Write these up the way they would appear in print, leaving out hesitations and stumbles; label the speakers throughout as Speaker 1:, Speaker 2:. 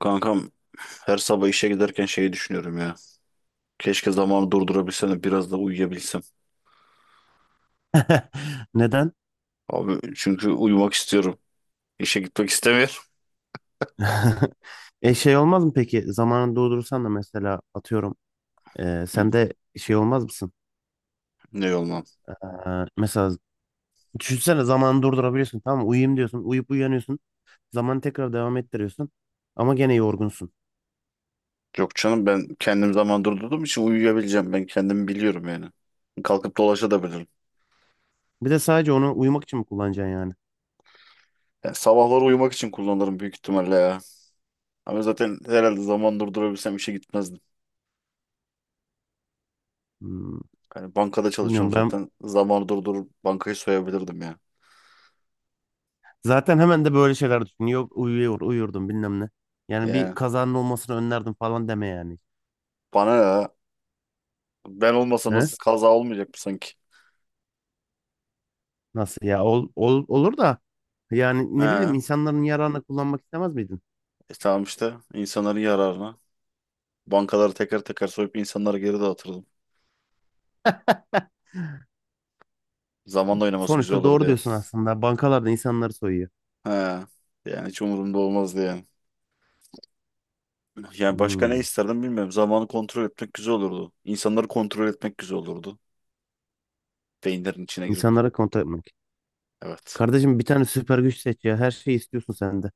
Speaker 1: Kankam, her sabah işe giderken şeyi düşünüyorum ya. Keşke zamanı durdurabilsem de biraz da uyuyabilsem.
Speaker 2: Neden?
Speaker 1: Abi çünkü uyumak istiyorum. İşe gitmek istemiyorum.
Speaker 2: E şey olmaz mı peki? Zamanını doldurursan da mesela atıyorum.
Speaker 1: Hı,
Speaker 2: Sen de şey olmaz mısın?
Speaker 1: ne olmam?
Speaker 2: E, mesela düşünsene zamanı durdurabiliyorsun tamam mı? Uyuyayım diyorsun. Uyuyup uyanıyorsun. Zamanı tekrar devam ettiriyorsun. Ama gene yorgunsun.
Speaker 1: Yok canım, ben kendim zaman durdurduğum için uyuyabileceğim. Ben kendimi biliyorum yani. Kalkıp dolaşabilirim.
Speaker 2: Bir de sadece onu uyumak için mi kullanacaksın yani?
Speaker 1: Yani sabahları uyumak için kullanırım büyük ihtimalle ya. Ama zaten herhalde zaman durdurabilsem işe gitmezdim.
Speaker 2: Hmm,
Speaker 1: Yani bankada
Speaker 2: Bilmiyorum
Speaker 1: çalışıyorum
Speaker 2: ben,
Speaker 1: zaten. Zamanı durdurup bankayı soyabilirdim ya.
Speaker 2: zaten hemen de böyle şeyler düşünüyorum. Yok, uyurdum bilmem ne. Yani bir
Speaker 1: Yani
Speaker 2: kazanın olmasını önlerdim falan deme yani.
Speaker 1: bana ne ya? Ben olmasam
Speaker 2: He?
Speaker 1: nasıl kaza olmayacak mı sanki?
Speaker 2: Nasıl ya? Olur da yani ne
Speaker 1: He.
Speaker 2: bileyim, insanların yararına kullanmak istemez miydin?
Speaker 1: E, tamam, işte insanların yararına. Bankaları teker teker soyup insanları geri dağıtırdım. Zamanla oynaması güzel
Speaker 2: Sonuçta
Speaker 1: olur
Speaker 2: doğru
Speaker 1: diye.
Speaker 2: diyorsun aslında. Bankalarda insanları soyuyor.
Speaker 1: He. Yani hiç umurumda olmaz diye. Yani başka ne
Speaker 2: Hmm.
Speaker 1: isterdim bilmiyorum. Zamanı kontrol etmek güzel olurdu. İnsanları kontrol etmek güzel olurdu. Beyinlerin içine girip.
Speaker 2: İnsanlara kontak etmek.
Speaker 1: Evet.
Speaker 2: Kardeşim, bir tane süper güç seç ya. Her şeyi istiyorsun sen de.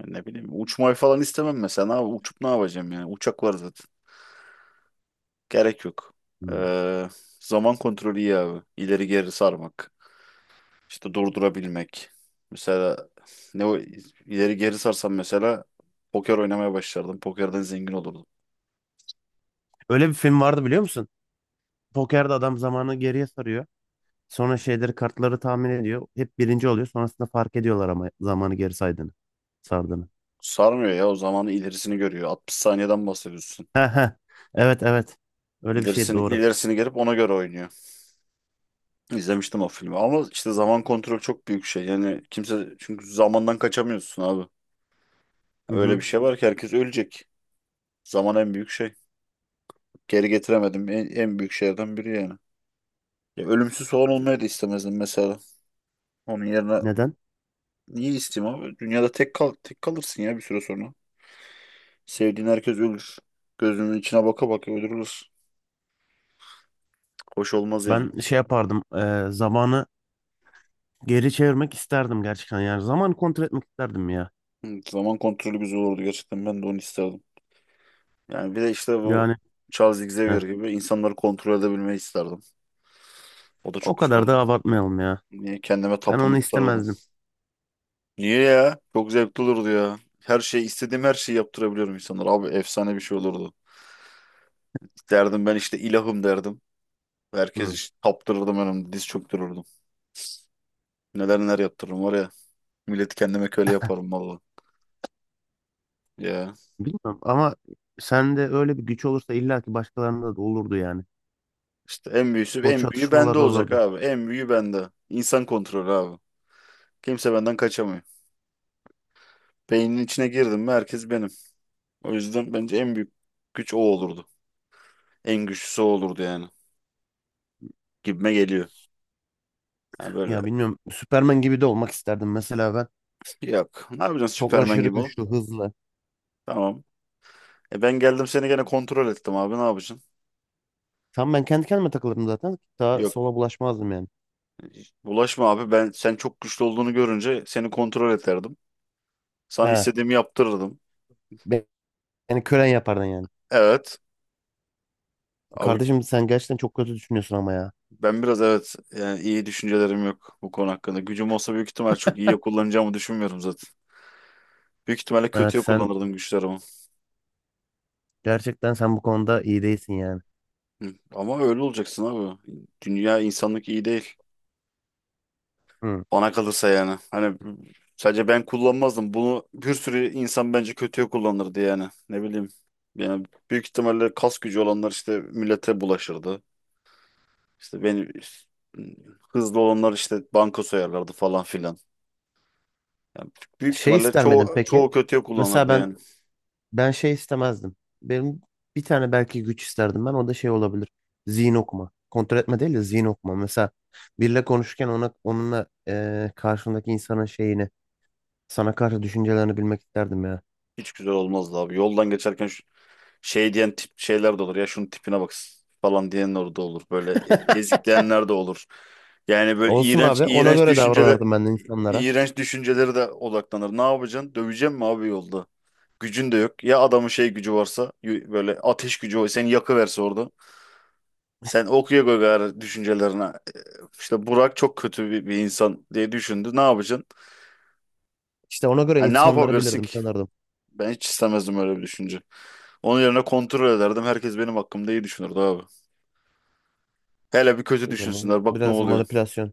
Speaker 1: Yani ne bileyim. Uçmayı falan istemem mesela. Uçup ne yapacağım yani? Uçak var zaten. Gerek yok.
Speaker 2: Hmm.
Speaker 1: Ee, zaman kontrolü iyi abi. İleri geri sarmak. İşte durdurabilmek. Mesela ne o ileri geri sarsam mesela poker oynamaya başlardım. Pokerden zengin olurdum.
Speaker 2: Öyle bir film vardı, biliyor musun? Pokerde adam zamanı geriye sarıyor. Sonra şeyleri, kartları tahmin ediyor. Hep birinci oluyor. Sonrasında fark ediyorlar ama zamanı geri saydığını. Sardığını.
Speaker 1: Sarmıyor ya, o zamanı ilerisini görüyor. 60 saniyeden bahsediyorsun.
Speaker 2: He he. Evet, evet. Öyle bir şey
Speaker 1: İlerisini
Speaker 2: doğru.
Speaker 1: ilerisini gelip ona göre oynuyor. İzlemiştim o filmi ama işte zaman kontrolü çok büyük şey. Yani kimse, çünkü zamandan kaçamıyorsun abi.
Speaker 2: Hı
Speaker 1: Öyle bir
Speaker 2: hı.
Speaker 1: şey var ki herkes ölecek. Zaman en büyük şey. Geri getiremedim, en büyük şeylerden biri yani. Ya ölümsüz falan olmayı da istemezdim mesela. Onun yerine.
Speaker 2: Neden?
Speaker 1: Niye isteyeyim abi? Dünyada tek kalırsın ya bir süre sonra. Sevdiğin herkes ölür. Gözünün içine baka baka öldürülür. Hoş olmaz yani.
Speaker 2: Ben şey yapardım. Zamanı geri çevirmek isterdim gerçekten yani. Zaman kontrol etmek isterdim ya.
Speaker 1: Hı, zaman kontrolü güzel olurdu gerçekten. Ben de onu isterdim. Yani bir de işte bu
Speaker 2: Yani,
Speaker 1: Charles Xavier
Speaker 2: heh,
Speaker 1: gibi insanları kontrol edebilmeyi isterdim. O da çok
Speaker 2: o
Speaker 1: güzel
Speaker 2: kadar da
Speaker 1: olurdu.
Speaker 2: abartmayalım ya.
Speaker 1: Niye, kendime
Speaker 2: Ben onu
Speaker 1: tapındırırdım.
Speaker 2: istemezdim.
Speaker 1: Niye ya? Çok zevkli olurdu ya. Her şey istediğim her şeyi yaptırabiliyorum insanlara. Abi efsane bir şey olurdu. Derdim ben işte, ilahım derdim. Herkes,
Speaker 2: Hı.
Speaker 1: işte taptırırdım önümde, diz çöktürürdüm. Neler neler yaptırırım var ya. Milleti kendime köle yaparım valla. Ya
Speaker 2: Bilmiyorum ama sende öyle bir güç olursa illa ki başkalarında da olurdu yani.
Speaker 1: işte en büyüsü
Speaker 2: O
Speaker 1: en büyüğü
Speaker 2: çatışmalar
Speaker 1: bende olacak
Speaker 2: olurdu.
Speaker 1: abi. En büyüğü bende. İnsan kontrolü abi. Kimse benden kaçamıyor. Beynin içine girdim mi herkes benim. O yüzden bence en büyük güç o olurdu. En güçlüsü o olurdu yani. Gibime geliyor. Yani böyle,
Speaker 2: Ya bilmiyorum, Süpermen gibi de olmak isterdim mesela ben.
Speaker 1: yok. Ne yapacaksın
Speaker 2: Çok
Speaker 1: Süpermen
Speaker 2: aşırı
Speaker 1: gibi ol.
Speaker 2: güçlü, hızlı.
Speaker 1: Tamam. E ben geldim seni gene kontrol ettim abi, ne yapacaksın?
Speaker 2: Tam ben kendi kendime takılırdım zaten. Daha
Speaker 1: Yok.
Speaker 2: sola bulaşmazdım yani.
Speaker 1: Bulaşma abi, ben sen çok güçlü olduğunu görünce seni kontrol ederdim. Sana
Speaker 2: He.
Speaker 1: istediğimi yaptırırdım.
Speaker 2: be- Beni kölen yapardın yani.
Speaker 1: Evet. Abi,
Speaker 2: Kardeşim, sen gerçekten çok kötü düşünüyorsun ama ya.
Speaker 1: ben biraz, evet, yani iyi düşüncelerim yok bu konu hakkında. Gücüm olsa büyük ihtimal çok iyiye kullanacağımı düşünmüyorum zaten. Büyük ihtimalle
Speaker 2: Evet
Speaker 1: kötüye
Speaker 2: sen,
Speaker 1: kullanırdım güçlerimi.
Speaker 2: gerçekten sen bu konuda iyi değilsin yani.
Speaker 1: Hı. Ama öyle olacaksın abi. Dünya, insanlık iyi değil.
Speaker 2: Hı.
Speaker 1: Bana kalırsa yani. Hani, sadece ben kullanmazdım. Bunu bir sürü insan bence kötüye kullanırdı yani. Ne bileyim. Yani büyük ihtimalle kas gücü olanlar işte millete bulaşırdı. İşte beni hızlı olanlar işte banka soyarlardı falan filan. Yani büyük
Speaker 2: Şey
Speaker 1: ihtimalle
Speaker 2: ister miydin
Speaker 1: çoğu
Speaker 2: peki?
Speaker 1: çoğu kötüye
Speaker 2: Mesela
Speaker 1: kullanırdı
Speaker 2: ben
Speaker 1: yani.
Speaker 2: ben şey istemezdim. Benim bir tane belki güç isterdim ben. O da şey olabilir. Zihin okuma. Kontrol etme değil de zihin okuma. Mesela biriyle konuşurken onunla, karşındaki insanın şeyini, sana karşı düşüncelerini bilmek isterdim ya.
Speaker 1: Hiç güzel olmazdı abi. Yoldan geçerken şu, şey diyen tip şeyler de olur. Ya şunun tipine bak falan diyenler de olur. Böyle ezikleyenler de olur. Yani böyle
Speaker 2: Olsun
Speaker 1: iğrenç
Speaker 2: abi. Ona
Speaker 1: iğrenç
Speaker 2: göre
Speaker 1: düşünceler,
Speaker 2: davranırdım ben de insanlara.
Speaker 1: iğrenç düşünceleri de odaklanır. Ne yapacaksın? Döveceğim mi abi yolda? Gücün de yok. Ya adamın şey gücü varsa, böyle ateş gücü var. Seni yakıverse orada. Sen okuya koy gayrı düşüncelerine. E, İşte Burak çok kötü bir insan diye düşündü. Ne yapacaksın?
Speaker 2: İşte ona göre
Speaker 1: Ha, ne
Speaker 2: insanları
Speaker 1: yapabilirsin
Speaker 2: bilirdim,
Speaker 1: ki?
Speaker 2: tanırdım.
Speaker 1: Ben hiç istemezdim öyle bir düşünce. Onun yerine kontrol ederdim. Herkes benim hakkımda iyi düşünürdü abi. Hele bir kötü
Speaker 2: Bilmiyorum, bu
Speaker 1: düşünsünler. Bak ne
Speaker 2: biraz
Speaker 1: oluyor.
Speaker 2: manipülasyon.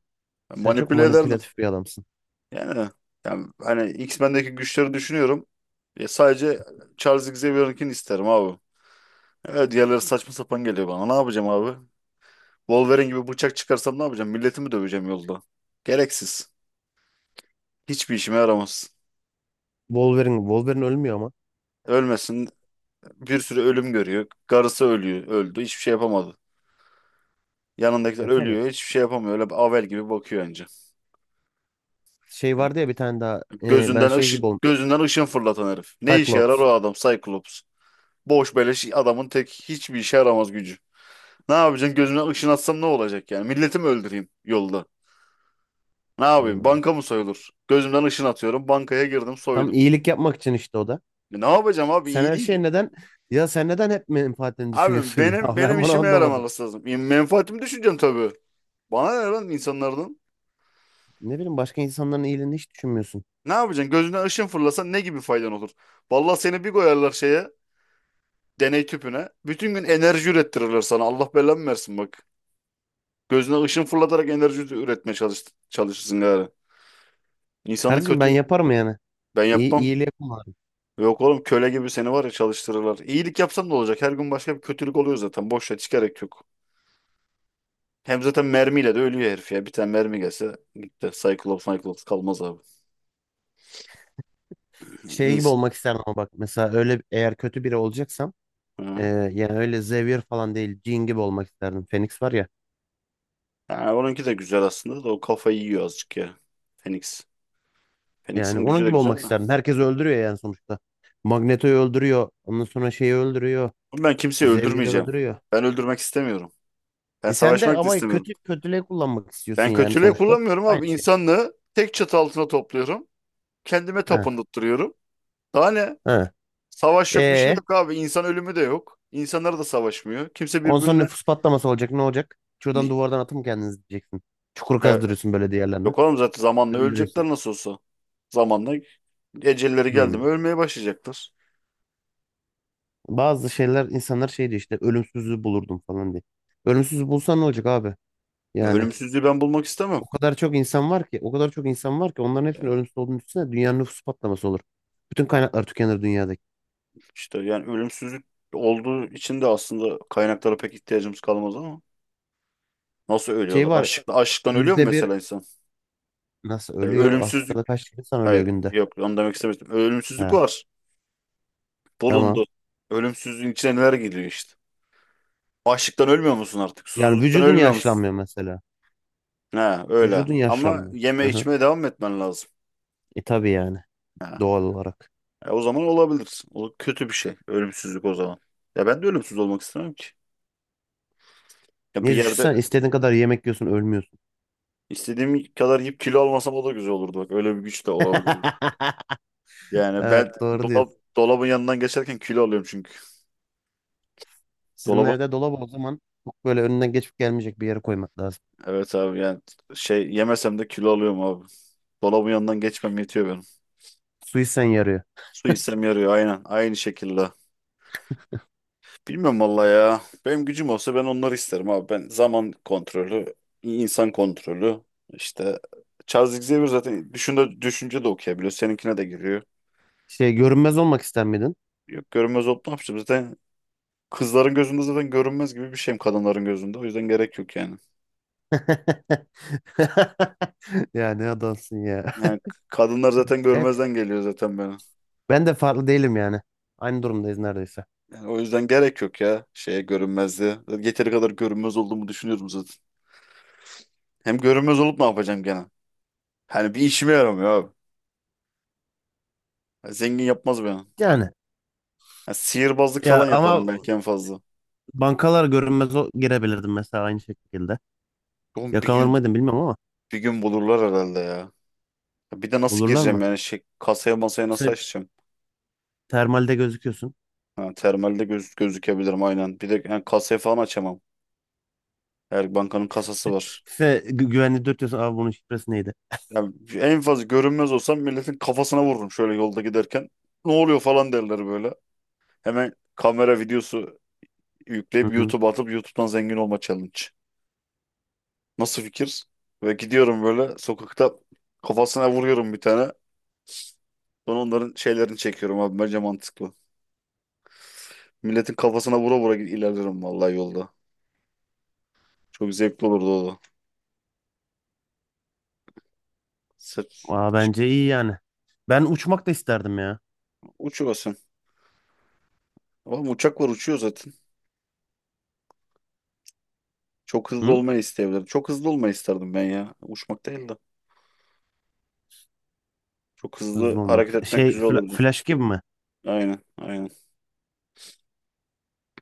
Speaker 2: Sen çok
Speaker 1: Manipüle ederdim.
Speaker 2: manipülatif bir adamsın.
Speaker 1: Yani, yani hani X-Men'deki güçleri düşünüyorum. Ya sadece Charles Xavier'ınkini isterim abi. Evet, diğerleri saçma sapan geliyor bana. Ne yapacağım abi? Wolverine gibi bıçak çıkarsam ne yapacağım? Milleti mi döveceğim yolda? Gereksiz. Hiçbir işime yaramaz.
Speaker 2: Wolverine ölmüyor ama.
Speaker 1: Ölmesin. Bir sürü ölüm görüyor. Karısı ölüyor. Öldü. Hiçbir şey yapamadı. Yanındakiler
Speaker 2: Ya, tabii.
Speaker 1: ölüyor. Hiçbir şey yapamıyor. Öyle avel gibi bakıyor önce.
Speaker 2: Şey
Speaker 1: Yani
Speaker 2: vardı ya bir tane daha. Ben
Speaker 1: gözünden
Speaker 2: şey gibi
Speaker 1: ışın,
Speaker 2: olmuştum.
Speaker 1: gözünden ışın fırlatan herif. Ne işe yarar
Speaker 2: Cyclops.
Speaker 1: o adam Cyclops? Boş beleş adamın tek, hiçbir işe yaramaz gücü. Ne yapacaksın? Gözümden ışın atsam ne olacak yani? Milleti mi öldüreyim yolda? Ne yapayım?
Speaker 2: Hmm.
Speaker 1: Banka mı soyulur? Gözümden ışın atıyorum. Bankaya girdim,
Speaker 2: Tam
Speaker 1: soydum.
Speaker 2: iyilik yapmak için işte, o da.
Speaker 1: E ne yapacağım abi?
Speaker 2: Sen her
Speaker 1: İyiliği.
Speaker 2: şey neden ya sen neden hep menfaatini
Speaker 1: Abi
Speaker 2: düşünüyorsun ya?
Speaker 1: benim benim
Speaker 2: Ben bunu
Speaker 1: işime
Speaker 2: anlamadım.
Speaker 1: yaramaması lazım. Menfaatimi düşüneceğim tabii. Bana ne lan insanlardan?
Speaker 2: Ne bileyim, başka insanların iyiliğini hiç düşünmüyorsun.
Speaker 1: Ne yapacaksın? Gözünden ışın fırlasan ne gibi faydan olur? Vallahi seni bir koyarlar şeye, deney tüpüne. Bütün gün enerji ürettirirler sana. Allah belanı versin bak. Gözüne ışın fırlatarak enerji üretmeye çalışırsın gari. İnsanı
Speaker 2: Kardeşim, ben
Speaker 1: kötü,
Speaker 2: yaparım yani.
Speaker 1: ben
Speaker 2: İyi,
Speaker 1: yapmam.
Speaker 2: iyiliği yaparım.
Speaker 1: Yok oğlum, köle gibi seni var ya çalıştırırlar. İyilik yapsan da olacak. Her gün başka bir kötülük oluyor zaten. Boş ver, hiç gerek yok. Hem zaten mermiyle de ölüyor herif ya. Bir tane mermi gelse gitti. Cyclops kalmaz abi.
Speaker 2: Şey gibi
Speaker 1: İnsan.
Speaker 2: olmak isterdim ama bak, mesela öyle eğer kötü biri olacaksam,
Speaker 1: Ha.
Speaker 2: yani öyle Xavier falan değil, Jean gibi olmak isterdim. Phoenix var ya,
Speaker 1: Yani onunki de güzel aslında da o kafayı yiyor azıcık ya. Phoenix.
Speaker 2: yani
Speaker 1: Phoenix'in gücü
Speaker 2: onun
Speaker 1: de
Speaker 2: gibi olmak
Speaker 1: güzel de.
Speaker 2: isterdim. Herkes öldürüyor yani sonuçta. Magneto'yu öldürüyor. Ondan sonra şeyi öldürüyor.
Speaker 1: Oğlum, ben kimseyi
Speaker 2: Xavier'i
Speaker 1: öldürmeyeceğim.
Speaker 2: öldürüyor.
Speaker 1: Ben öldürmek istemiyorum. Ben
Speaker 2: E sen de
Speaker 1: savaşmak da
Speaker 2: ama
Speaker 1: istemiyorum.
Speaker 2: kötü, kötülüğe kullanmak istiyorsun
Speaker 1: Ben
Speaker 2: yani
Speaker 1: kötülüğe
Speaker 2: sonuçta.
Speaker 1: kullanmıyorum abi.
Speaker 2: Aynı şey.
Speaker 1: İnsanlığı tek çatı altına topluyorum. Kendime
Speaker 2: Ha,
Speaker 1: tapındırıyorum. Daha ne?
Speaker 2: ha.
Speaker 1: Savaş yok, bir şey
Speaker 2: E,
Speaker 1: yok abi. İnsan ölümü de yok. İnsanlar da savaşmıyor. Kimse
Speaker 2: ondan sonra
Speaker 1: birbirine...
Speaker 2: nüfus patlaması olacak. Ne olacak? Şuradan,
Speaker 1: Ni-
Speaker 2: duvardan atın kendinizi diyeceksin. Çukur
Speaker 1: E,
Speaker 2: kazdırıyorsun böyle diğerlerine.
Speaker 1: yok oğlum, zaten zamanla
Speaker 2: Gömdürüyorsun.
Speaker 1: ölecekler nasıl olsa. Zamanla ecelleri geldi mi
Speaker 2: Hmm.
Speaker 1: ölmeye başlayacaklar.
Speaker 2: Bazı şeyler, insanlar şey diyor işte, ölümsüzlüğü bulurdum falan diye. Ölümsüzlüğü bulsan ne olacak abi?
Speaker 1: Ya,
Speaker 2: Yani
Speaker 1: ölümsüzlüğü ben bulmak istemem.
Speaker 2: o kadar çok insan var ki o kadar çok insan var ki onların hepsinin
Speaker 1: Yani
Speaker 2: ölümsüz olduğunu düşünsene, dünyanın nüfus patlaması olur. Bütün kaynaklar tükenir dünyadaki.
Speaker 1: yani ölümsüzlük olduğu için de aslında kaynaklara pek ihtiyacımız kalmaz ama. Nasıl
Speaker 2: Şey
Speaker 1: ölüyorlar?
Speaker 2: var,
Speaker 1: Açlıktan ölüyor mu
Speaker 2: %1,
Speaker 1: mesela insan?
Speaker 2: nasıl
Speaker 1: Ya
Speaker 2: ölüyor?
Speaker 1: ölümsüzlük.
Speaker 2: Afrika'da kaç insan ölüyor
Speaker 1: Hayır,
Speaker 2: günde?
Speaker 1: yok, onu demek istemiştim. Ölümsüzlük
Speaker 2: Ha.
Speaker 1: var.
Speaker 2: Tamam.
Speaker 1: Bulundu. Ölümsüzlüğün içine neler geliyor işte. Açlıktan ölmüyor musun artık?
Speaker 2: Yani
Speaker 1: Susuzluktan
Speaker 2: vücudun
Speaker 1: ölmüyor musun?
Speaker 2: yaşlanmıyor mesela.
Speaker 1: Ha öyle.
Speaker 2: Vücudun
Speaker 1: Ama
Speaker 2: yaşlanmıyor. Hı
Speaker 1: yeme
Speaker 2: hı.
Speaker 1: içmeye devam etmen lazım.
Speaker 2: E tabii yani,
Speaker 1: Ha.
Speaker 2: doğal olarak.
Speaker 1: O zaman olabilir. O kötü bir şey. Ölümsüzlük o zaman. Ya ben de ölümsüz olmak istemem ki. Ya bir
Speaker 2: Niye
Speaker 1: yerde
Speaker 2: düşünsen istediğin kadar yemek yiyorsun, ölmüyorsun.
Speaker 1: istediğim kadar yiyip kilo almasam o da güzel olurdu. Bak, öyle bir güç de olabilir. Yani
Speaker 2: Evet,
Speaker 1: ben
Speaker 2: doğru
Speaker 1: dolap,
Speaker 2: diyorsun.
Speaker 1: dolabın yanından geçerken kilo alıyorum çünkü.
Speaker 2: Sizin
Speaker 1: Dolaba
Speaker 2: evde dolabı o zaman çok böyle önünden geçip gelmeyecek bir yere koymak lazım.
Speaker 1: evet abi, yani şey, yemesem de kilo alıyorum abi. Dolabın yanından geçmem yetiyor benim.
Speaker 2: Suisen yarıyor.
Speaker 1: Su içsem yarıyor aynen. Aynı şekilde. Bilmiyorum valla ya. Benim gücüm olsa ben onları isterim abi. Ben zaman kontrolü, insan kontrolü. İşte Charles Xavier zaten düşünce de okuyabiliyor. Seninkine de giriyor.
Speaker 2: Şey, görünmez olmak ister miydin?
Speaker 1: Yok, görünmez olup ne yapacağım? Zaten kızların gözünde zaten görünmez gibi bir şeyim, kadınların gözünde. O yüzden gerek yok yani.
Speaker 2: Ya, ne adamsın ya.
Speaker 1: Yani kadınlar zaten
Speaker 2: Evet,
Speaker 1: görmezden geliyor zaten beni.
Speaker 2: ben de farklı değilim yani. Aynı durumdayız neredeyse.
Speaker 1: Yani o yüzden gerek yok ya şeye, görünmezliğe. Zaten yeteri kadar görünmez olduğumu düşünüyorum zaten. Hem görünmez olup ne yapacağım gene? Hani bir işime yaramıyor abi. Ya, zengin yapmaz beni.
Speaker 2: Yani
Speaker 1: Ya sihirbazlık
Speaker 2: ya
Speaker 1: falan
Speaker 2: ama
Speaker 1: yaparım belki en fazla.
Speaker 2: bankalar, görünmez o girebilirdim mesela aynı şekilde.
Speaker 1: Oğlum bir
Speaker 2: Yakalanır
Speaker 1: gün
Speaker 2: mıydın bilmem ama,
Speaker 1: bir gün bulurlar herhalde ya. Ya bir de nasıl
Speaker 2: bulurlar
Speaker 1: gireceğim
Speaker 2: mı?
Speaker 1: yani, şey, kasaya masaya nasıl
Speaker 2: Sen
Speaker 1: açacağım?
Speaker 2: termalde gözüküyorsun.
Speaker 1: Ha, termalde gözükebilirim aynen. Bir de yani kasaya falan açamam. Her bankanın kasası var.
Speaker 2: Sen güvenli dürtüyorsun. Abi, bunun şifresi neydi?
Speaker 1: Yani en fazla görünmez olsam milletin kafasına vururum şöyle yolda giderken. Ne oluyor falan derler böyle. Hemen kamera videosu
Speaker 2: Hı
Speaker 1: yükleyip
Speaker 2: hı.
Speaker 1: YouTube'a atıp YouTube'dan zengin olma challenge. Nasıl fikir? Ve gidiyorum böyle sokakta, kafasına vuruyorum bir tane. Sonra onların şeylerini çekiyorum abi. Bence mantıklı. Milletin kafasına vura vura ilerlerim vallahi yolda. Çok zevkli olurdu o da. Sırf,
Speaker 2: Aa, bence iyi yani. Ben uçmak da isterdim ya.
Speaker 1: uçuyorsun. Ama uçak var, uçuyor zaten. Çok hızlı
Speaker 2: Hı?
Speaker 1: olmayı isteyebilirim. Çok hızlı olmayı isterdim ben ya. Uçmak değil de. Çok hızlı
Speaker 2: Hızlı olmak.
Speaker 1: hareket etmek
Speaker 2: Şey,
Speaker 1: güzel olurdu.
Speaker 2: flash gibi mi?
Speaker 1: Aynen aynen.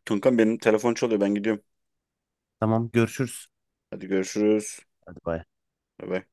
Speaker 1: Kankam benim telefon çalıyor, ben gidiyorum.
Speaker 2: Tamam, görüşürüz.
Speaker 1: Hadi görüşürüz.
Speaker 2: Hadi, bay.
Speaker 1: Bay bay.